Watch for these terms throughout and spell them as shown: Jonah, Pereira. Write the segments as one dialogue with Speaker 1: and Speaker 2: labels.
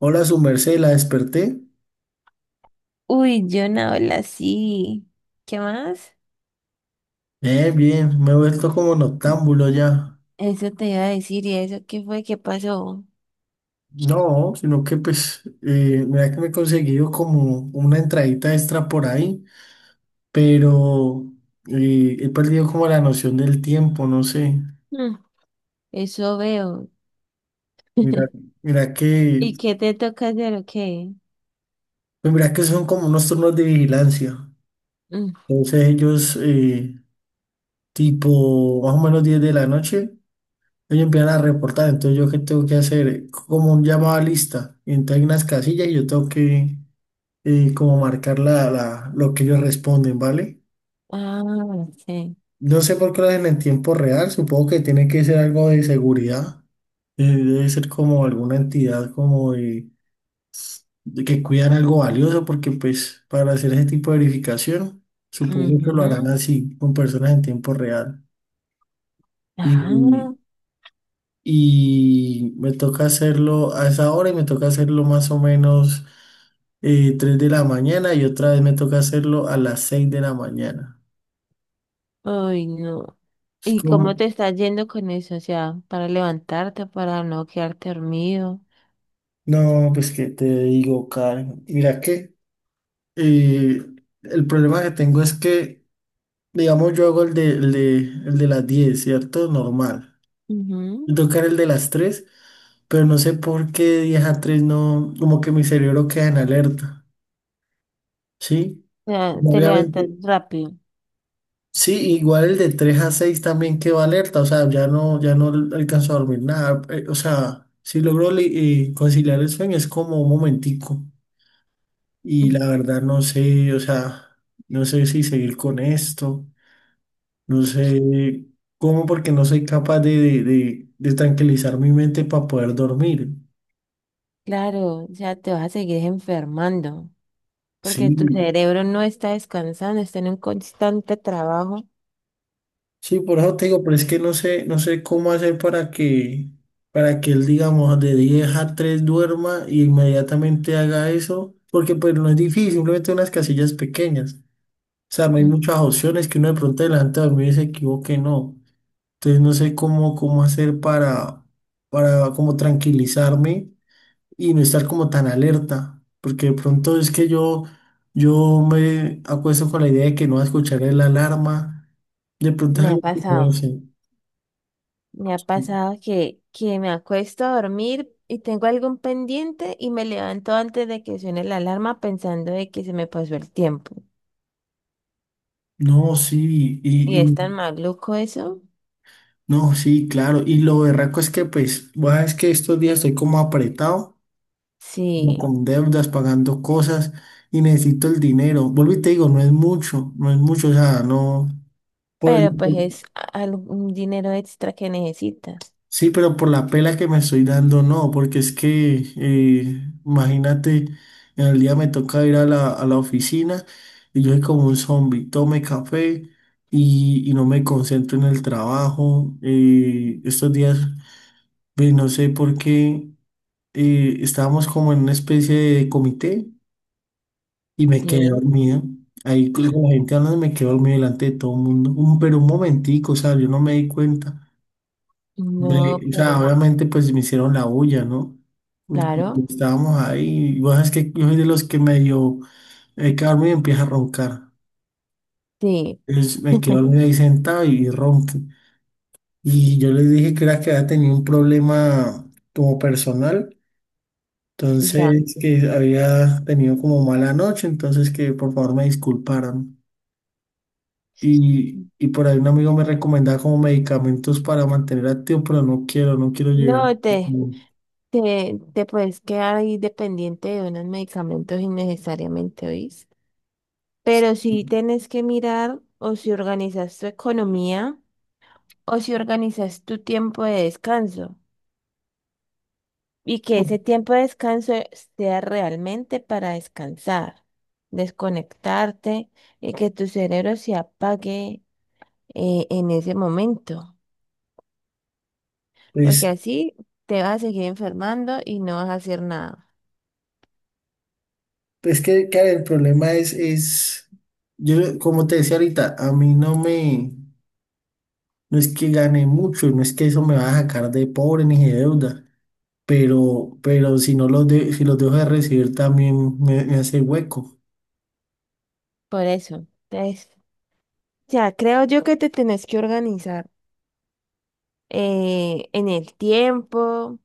Speaker 1: Hola, su merced, la desperté.
Speaker 2: Uy, yo no hablo así. ¿Qué más?
Speaker 1: Bien, bien, me he vuelto como noctámbulo ya.
Speaker 2: Eso te iba a decir, ¿y eso qué fue? ¿Qué pasó?
Speaker 1: No, sino que pues, mira que me he conseguido como una entradita extra por ahí, pero he perdido como la noción del tiempo, no sé.
Speaker 2: Mm, eso veo.
Speaker 1: Mira, mira que,
Speaker 2: ¿Y qué te toca hacer o qué?
Speaker 1: pues mira que son como unos turnos de vigilancia.
Speaker 2: Mm.
Speaker 1: Entonces ellos, tipo, más o menos 10 de la noche. Ellos empiezan a reportar, entonces yo qué tengo que hacer, como un llamado a lista, entonces hay unas casillas y yo tengo que, y como marcar lo que ellos responden, ¿vale?
Speaker 2: Ah, sí.
Speaker 1: No sé por qué lo hacen en tiempo real, supongo que tiene que ser algo de seguridad, debe ser como alguna entidad como de que cuidan algo valioso, porque pues para hacer ese tipo de verificación, supongo que lo harán
Speaker 2: Ujú.
Speaker 1: así, con personas en tiempo real. Y,
Speaker 2: Ah,
Speaker 1: y me toca hacerlo a esa hora y me toca hacerlo más o menos 3 de la mañana y otra vez me toca hacerlo a las 6 de la mañana.
Speaker 2: uy, no.
Speaker 1: Es
Speaker 2: ¿Y cómo
Speaker 1: Como
Speaker 2: te estás yendo con eso? O sea, para levantarte, para no quedarte dormido.
Speaker 1: No, pues que te digo, Karen. Mira que eh, el problema que tengo es que, digamos, yo hago el de las 10, ¿cierto? Normal. Y
Speaker 2: Ujú.
Speaker 1: tocar el de las 3, pero no sé por qué de 10 a tres no, como que mi cerebro queda en alerta, ¿sí?
Speaker 2: O sea,
Speaker 1: Claro.
Speaker 2: te levantas
Speaker 1: Obviamente,
Speaker 2: rápido.
Speaker 1: sí, igual el de 3 a 6 también quedó alerta, o sea, ya no, ya no alcanzo a dormir nada, o sea, si logro conciliar el sueño es como un momentico. Y
Speaker 2: Mm.
Speaker 1: la verdad no sé, o sea, no sé si seguir con esto, no sé cómo porque no soy capaz de tranquilizar mi mente para poder dormir.
Speaker 2: Claro, o sea, te vas a seguir enfermando,
Speaker 1: Sí,
Speaker 2: porque tu cerebro no está descansando, está en un constante trabajo.
Speaker 1: sí, por eso te digo, pero es que no sé, no sé cómo hacer para que él, digamos, de 10 a 3 duerma y inmediatamente haga eso, porque pues no es difícil, simplemente unas casillas pequeñas. O sea, no hay
Speaker 2: Mm.
Speaker 1: muchas opciones que uno de pronto delante de dormir y se equivoque, no. Entonces no sé cómo hacer para como tranquilizarme y no estar como tan alerta, porque de pronto es que yo me acuesto con la idea de que no va a escuchar la alarma, de pronto es
Speaker 2: Me ha
Speaker 1: algo que me
Speaker 2: pasado,
Speaker 1: dicen.
Speaker 2: me ha pasado que me acuesto a dormir y tengo algún pendiente y me levanto antes de que suene la alarma pensando de que se me pasó el tiempo.
Speaker 1: No, sí,
Speaker 2: ¿Y es tan maluco eso?
Speaker 1: no, sí, claro, y lo berraco es que pues, bueno, es que estos días estoy como apretado, como
Speaker 2: Sí,
Speaker 1: con deudas, pagando cosas y necesito el dinero. Vuelvo y te digo, no es mucho, no es mucho, o sea, no, por el...
Speaker 2: pero pues es algún dinero extra que necesitas.
Speaker 1: Sí, pero por la pela que me estoy dando, no, porque es que, imagínate, en el día me toca ir a la oficina y yo soy como un zombie, tome café y no me concentro en el trabajo. Estos días, pues, no sé por qué, estábamos como en una especie de comité y me quedé
Speaker 2: Sí,
Speaker 1: dormido. Ahí con la gente hablando me quedé dormido delante de todo el mundo, un, pero un momentico, o sea, yo no me di cuenta.
Speaker 2: no,
Speaker 1: O sea,
Speaker 2: pero
Speaker 1: obviamente pues me hicieron la bulla, ¿no?
Speaker 2: claro,
Speaker 1: Estábamos ahí, y vos sabes que yo soy de los que medio me quedo dormido y empieza a roncar.
Speaker 2: sí,
Speaker 1: Entonces me quedo dormido ahí sentado y ronco. Y yo les dije que era que había tenido un problema como personal,
Speaker 2: ya.
Speaker 1: entonces que había tenido como mala noche, entonces que por favor me disculparan. Y por ahí un amigo me recomendaba como medicamentos para mantener activo, pero no quiero, no quiero llegar.
Speaker 2: No te... Te puedes quedar ahí dependiente de unos medicamentos innecesariamente, ¿oís? Pero si tienes que mirar, o si organizas tu economía o si organizas tu tiempo de descanso, y que ese tiempo de descanso sea realmente para descansar, desconectarte y que tu cerebro se apague en ese momento, porque
Speaker 1: Pues
Speaker 2: así te vas a seguir enfermando y no vas a hacer nada.
Speaker 1: es que, claro, el problema es, yo como te decía ahorita, a mí no me, no es que gane mucho, no es que eso me va a sacar de pobre ni de deuda, pero si no si los dejo de recibir también me hace hueco.
Speaker 2: Por eso, entonces, ya, creo yo que te tenés que organizar en el tiempo,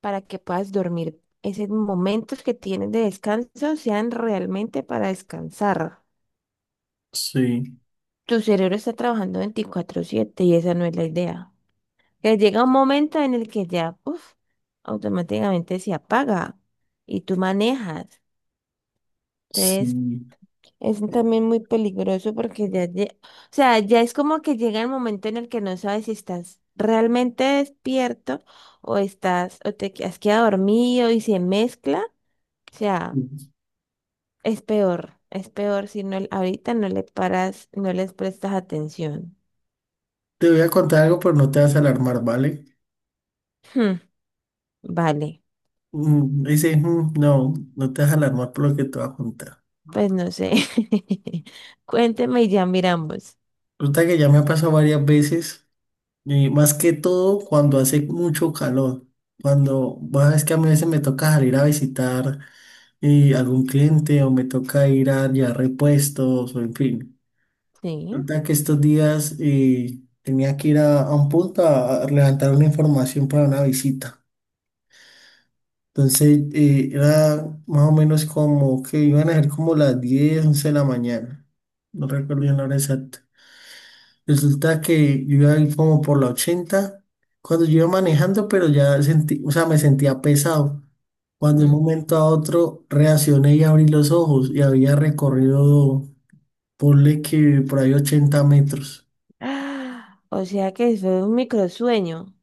Speaker 2: para que puedas dormir. Esos momentos que tienes de descanso sean realmente para descansar.
Speaker 1: Sí,
Speaker 2: Tu cerebro está trabajando 24/7 y esa no es la idea. Que llega un momento en el que ya, uf, automáticamente se apaga y tú manejas. Entonces,
Speaker 1: sí.
Speaker 2: es también muy peligroso porque ya, o sea, ya es como que llega el momento en el que no sabes si estás realmente despierto o estás, o has quedado dormido y se mezcla. O sea, es peor si no, ahorita no le paras, no les prestas atención.
Speaker 1: Te voy a contar algo, pero no te vas a alarmar, ¿vale?
Speaker 2: Hmm, vale,
Speaker 1: No, no te vas a alarmar por lo que te voy a contar.
Speaker 2: pues no sé. Cuénteme y ya miramos.
Speaker 1: Resulta que ya me ha pasado varias veces y más que todo cuando hace mucho calor, cuando, bueno, es que a mí a veces me toca salir a visitar algún cliente o me toca ir a llevar repuestos o en fin.
Speaker 2: Sí.
Speaker 1: Resulta que estos días tenía que ir a un punto a levantar una información para una visita. Entonces era más o menos como que iban a ser como las 10 u 11 de la mañana. No recuerdo bien la hora exacta. Resulta que yo iba ahí como por la 80 cuando yo iba manejando, pero ya sentí, o sea, me sentía pesado. Cuando de un
Speaker 2: Mm.
Speaker 1: momento a otro reaccioné y abrí los ojos y había recorrido, ponle que por ahí 80 metros.
Speaker 2: Ah, o sea que fue un microsueño.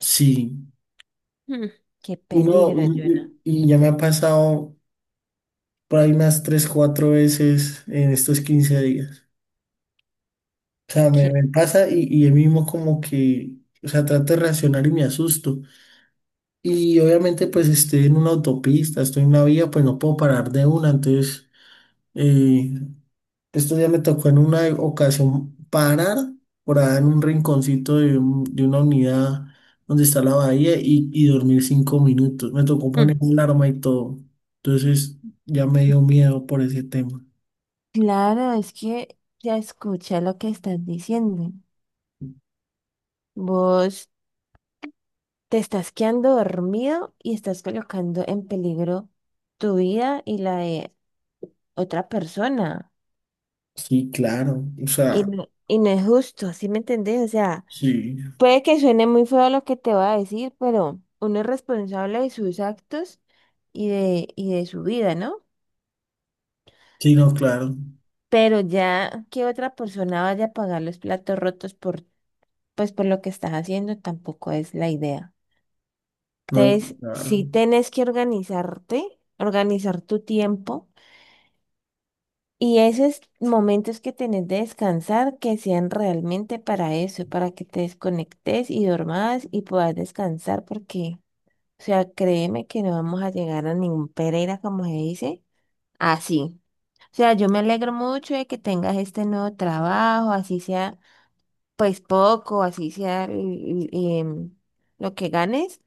Speaker 1: Sí,
Speaker 2: Hmm, qué
Speaker 1: uno,
Speaker 2: peligro, Jonah.
Speaker 1: y ya me ha pasado por ahí unas 3 4 veces en estos 15 días. O sea, me pasa y yo mismo como que, o sea, trato de reaccionar y me asusto. Y obviamente pues estoy en una autopista, estoy en una vía, pues no puedo parar de una. Entonces, eh, estos días me tocó en una ocasión parar por allá en un rinconcito de una unidad donde está la bahía y dormir 5 minutos. Me tocó poner
Speaker 2: Mm.
Speaker 1: alarma y todo. Entonces ya me dio miedo por ese tema.
Speaker 2: Claro, es que ya escucha lo que estás diciendo. Vos te estás quedando dormido y estás colocando en peligro tu vida y la de otra persona.
Speaker 1: Sí, claro. O sea,
Speaker 2: Y no es justo, ¿sí me entendés? O sea,
Speaker 1: sí.
Speaker 2: puede que suene muy feo lo que te voy a decir, pero uno es responsable de sus actos y de su vida, ¿no?
Speaker 1: Sí, no, claro.
Speaker 2: Pero ya que otra persona vaya a pagar los platos rotos por, pues, por lo que estás haciendo, tampoco es la idea.
Speaker 1: No,
Speaker 2: Entonces,
Speaker 1: claro.
Speaker 2: sí tenés que organizarte, organizar tu tiempo y esos momentos que tenés de descansar que sean realmente para eso, para que te desconectes y dormas y puedas descansar porque... O sea, créeme que no vamos a llegar a ningún Pereira, como se dice, así. O sea, yo me alegro mucho de que tengas este nuevo trabajo, así sea, pues poco, así sea em, lo que ganes,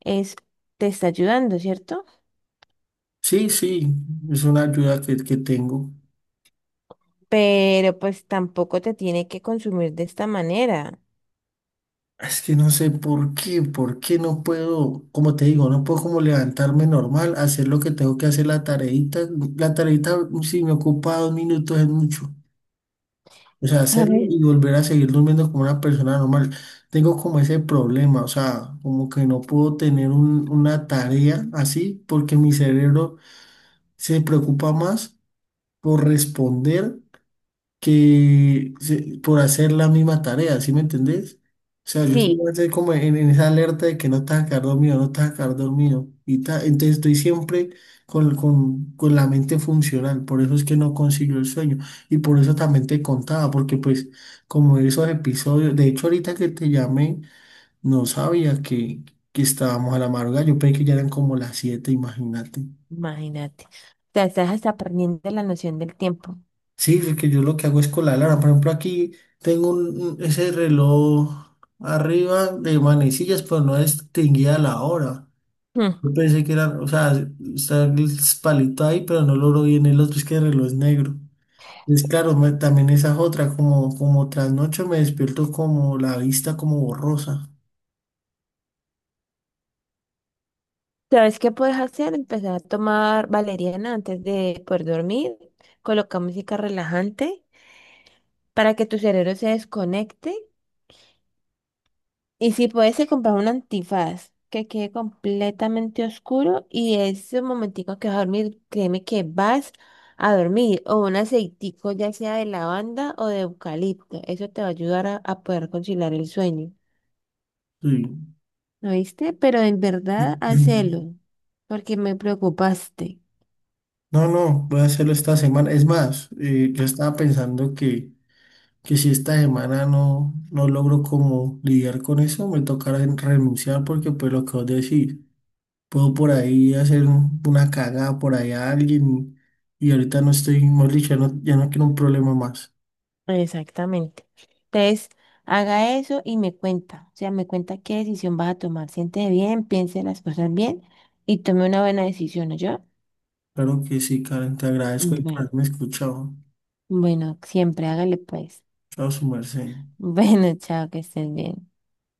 Speaker 2: es, te está ayudando, ¿cierto?
Speaker 1: Sí, sí, es una ayuda que tengo.
Speaker 2: Pero pues tampoco te tiene que consumir de esta manera.
Speaker 1: Es que no sé por qué no puedo, como te digo, no puedo como levantarme normal, hacer lo que tengo que hacer, la tareita si me ocupa 2 minutos es mucho. O sea,
Speaker 2: Por
Speaker 1: hacerlo y volver a seguir durmiendo como una persona normal. Tengo como ese problema, o sea, como que no puedo tener una tarea así porque mi cerebro se preocupa más por responder por hacer la misma tarea, ¿sí me entendés? O sea, yo estoy
Speaker 2: Sí,
Speaker 1: más de como en esa alerta de que no te vas a quedar dormido, no te vas a quedar dormido. Entonces estoy siempre con la mente funcional, por eso es que no consigo el sueño. Y por eso también te contaba, porque pues como esos episodios, de hecho ahorita que te llamé, no sabía que estábamos a la madrugada, yo pensé que ya eran como las 7, imagínate.
Speaker 2: imagínate. O sea, estás hasta perdiendo la noción del tiempo.
Speaker 1: Sí, porque yo lo que hago es con la alarma. Por ejemplo, aquí tengo ese reloj arriba de manecillas, pero no distinguía la hora. Yo pensé que era, o sea, está el palito ahí, pero no logro bien el otro, es que el reloj es negro. Es claro, también esa es otra, como, como tras me despierto como la vista como borrosa.
Speaker 2: ¿Sabes qué puedes hacer? Empezar a tomar valeriana antes de poder dormir. Coloca música relajante para que tu cerebro se desconecte. Y si puedes, se compra un antifaz que quede completamente oscuro y ese momentico que vas a dormir, créeme que vas a dormir. O un aceitico, ya sea de lavanda o de eucalipto. Eso te va a ayudar a poder conciliar el sueño.
Speaker 1: Sí.
Speaker 2: ¿No viste? Pero en verdad, hacelo, porque me preocupaste.
Speaker 1: No, no, voy a hacerlo esta semana. Es más, yo estaba pensando que si esta semana no, no logro como lidiar con eso, me tocará renunciar porque pues lo que vos decís, puedo por ahí hacer una cagada por ahí a alguien y ahorita no estoy, mejor dicho, ya no, ya no quiero un problema más.
Speaker 2: Exactamente. Entonces, haga eso y me cuenta. O sea, me cuenta qué decisión vas a tomar. Siente bien, piense las cosas bien y tome una buena decisión, ¿yo?
Speaker 1: Claro que sí, Karen, te agradezco y por
Speaker 2: Bueno,
Speaker 1: haberme escuchado.
Speaker 2: bueno, siempre hágale pues.
Speaker 1: Chao, su merced.
Speaker 2: Bueno, chao, que estés bien.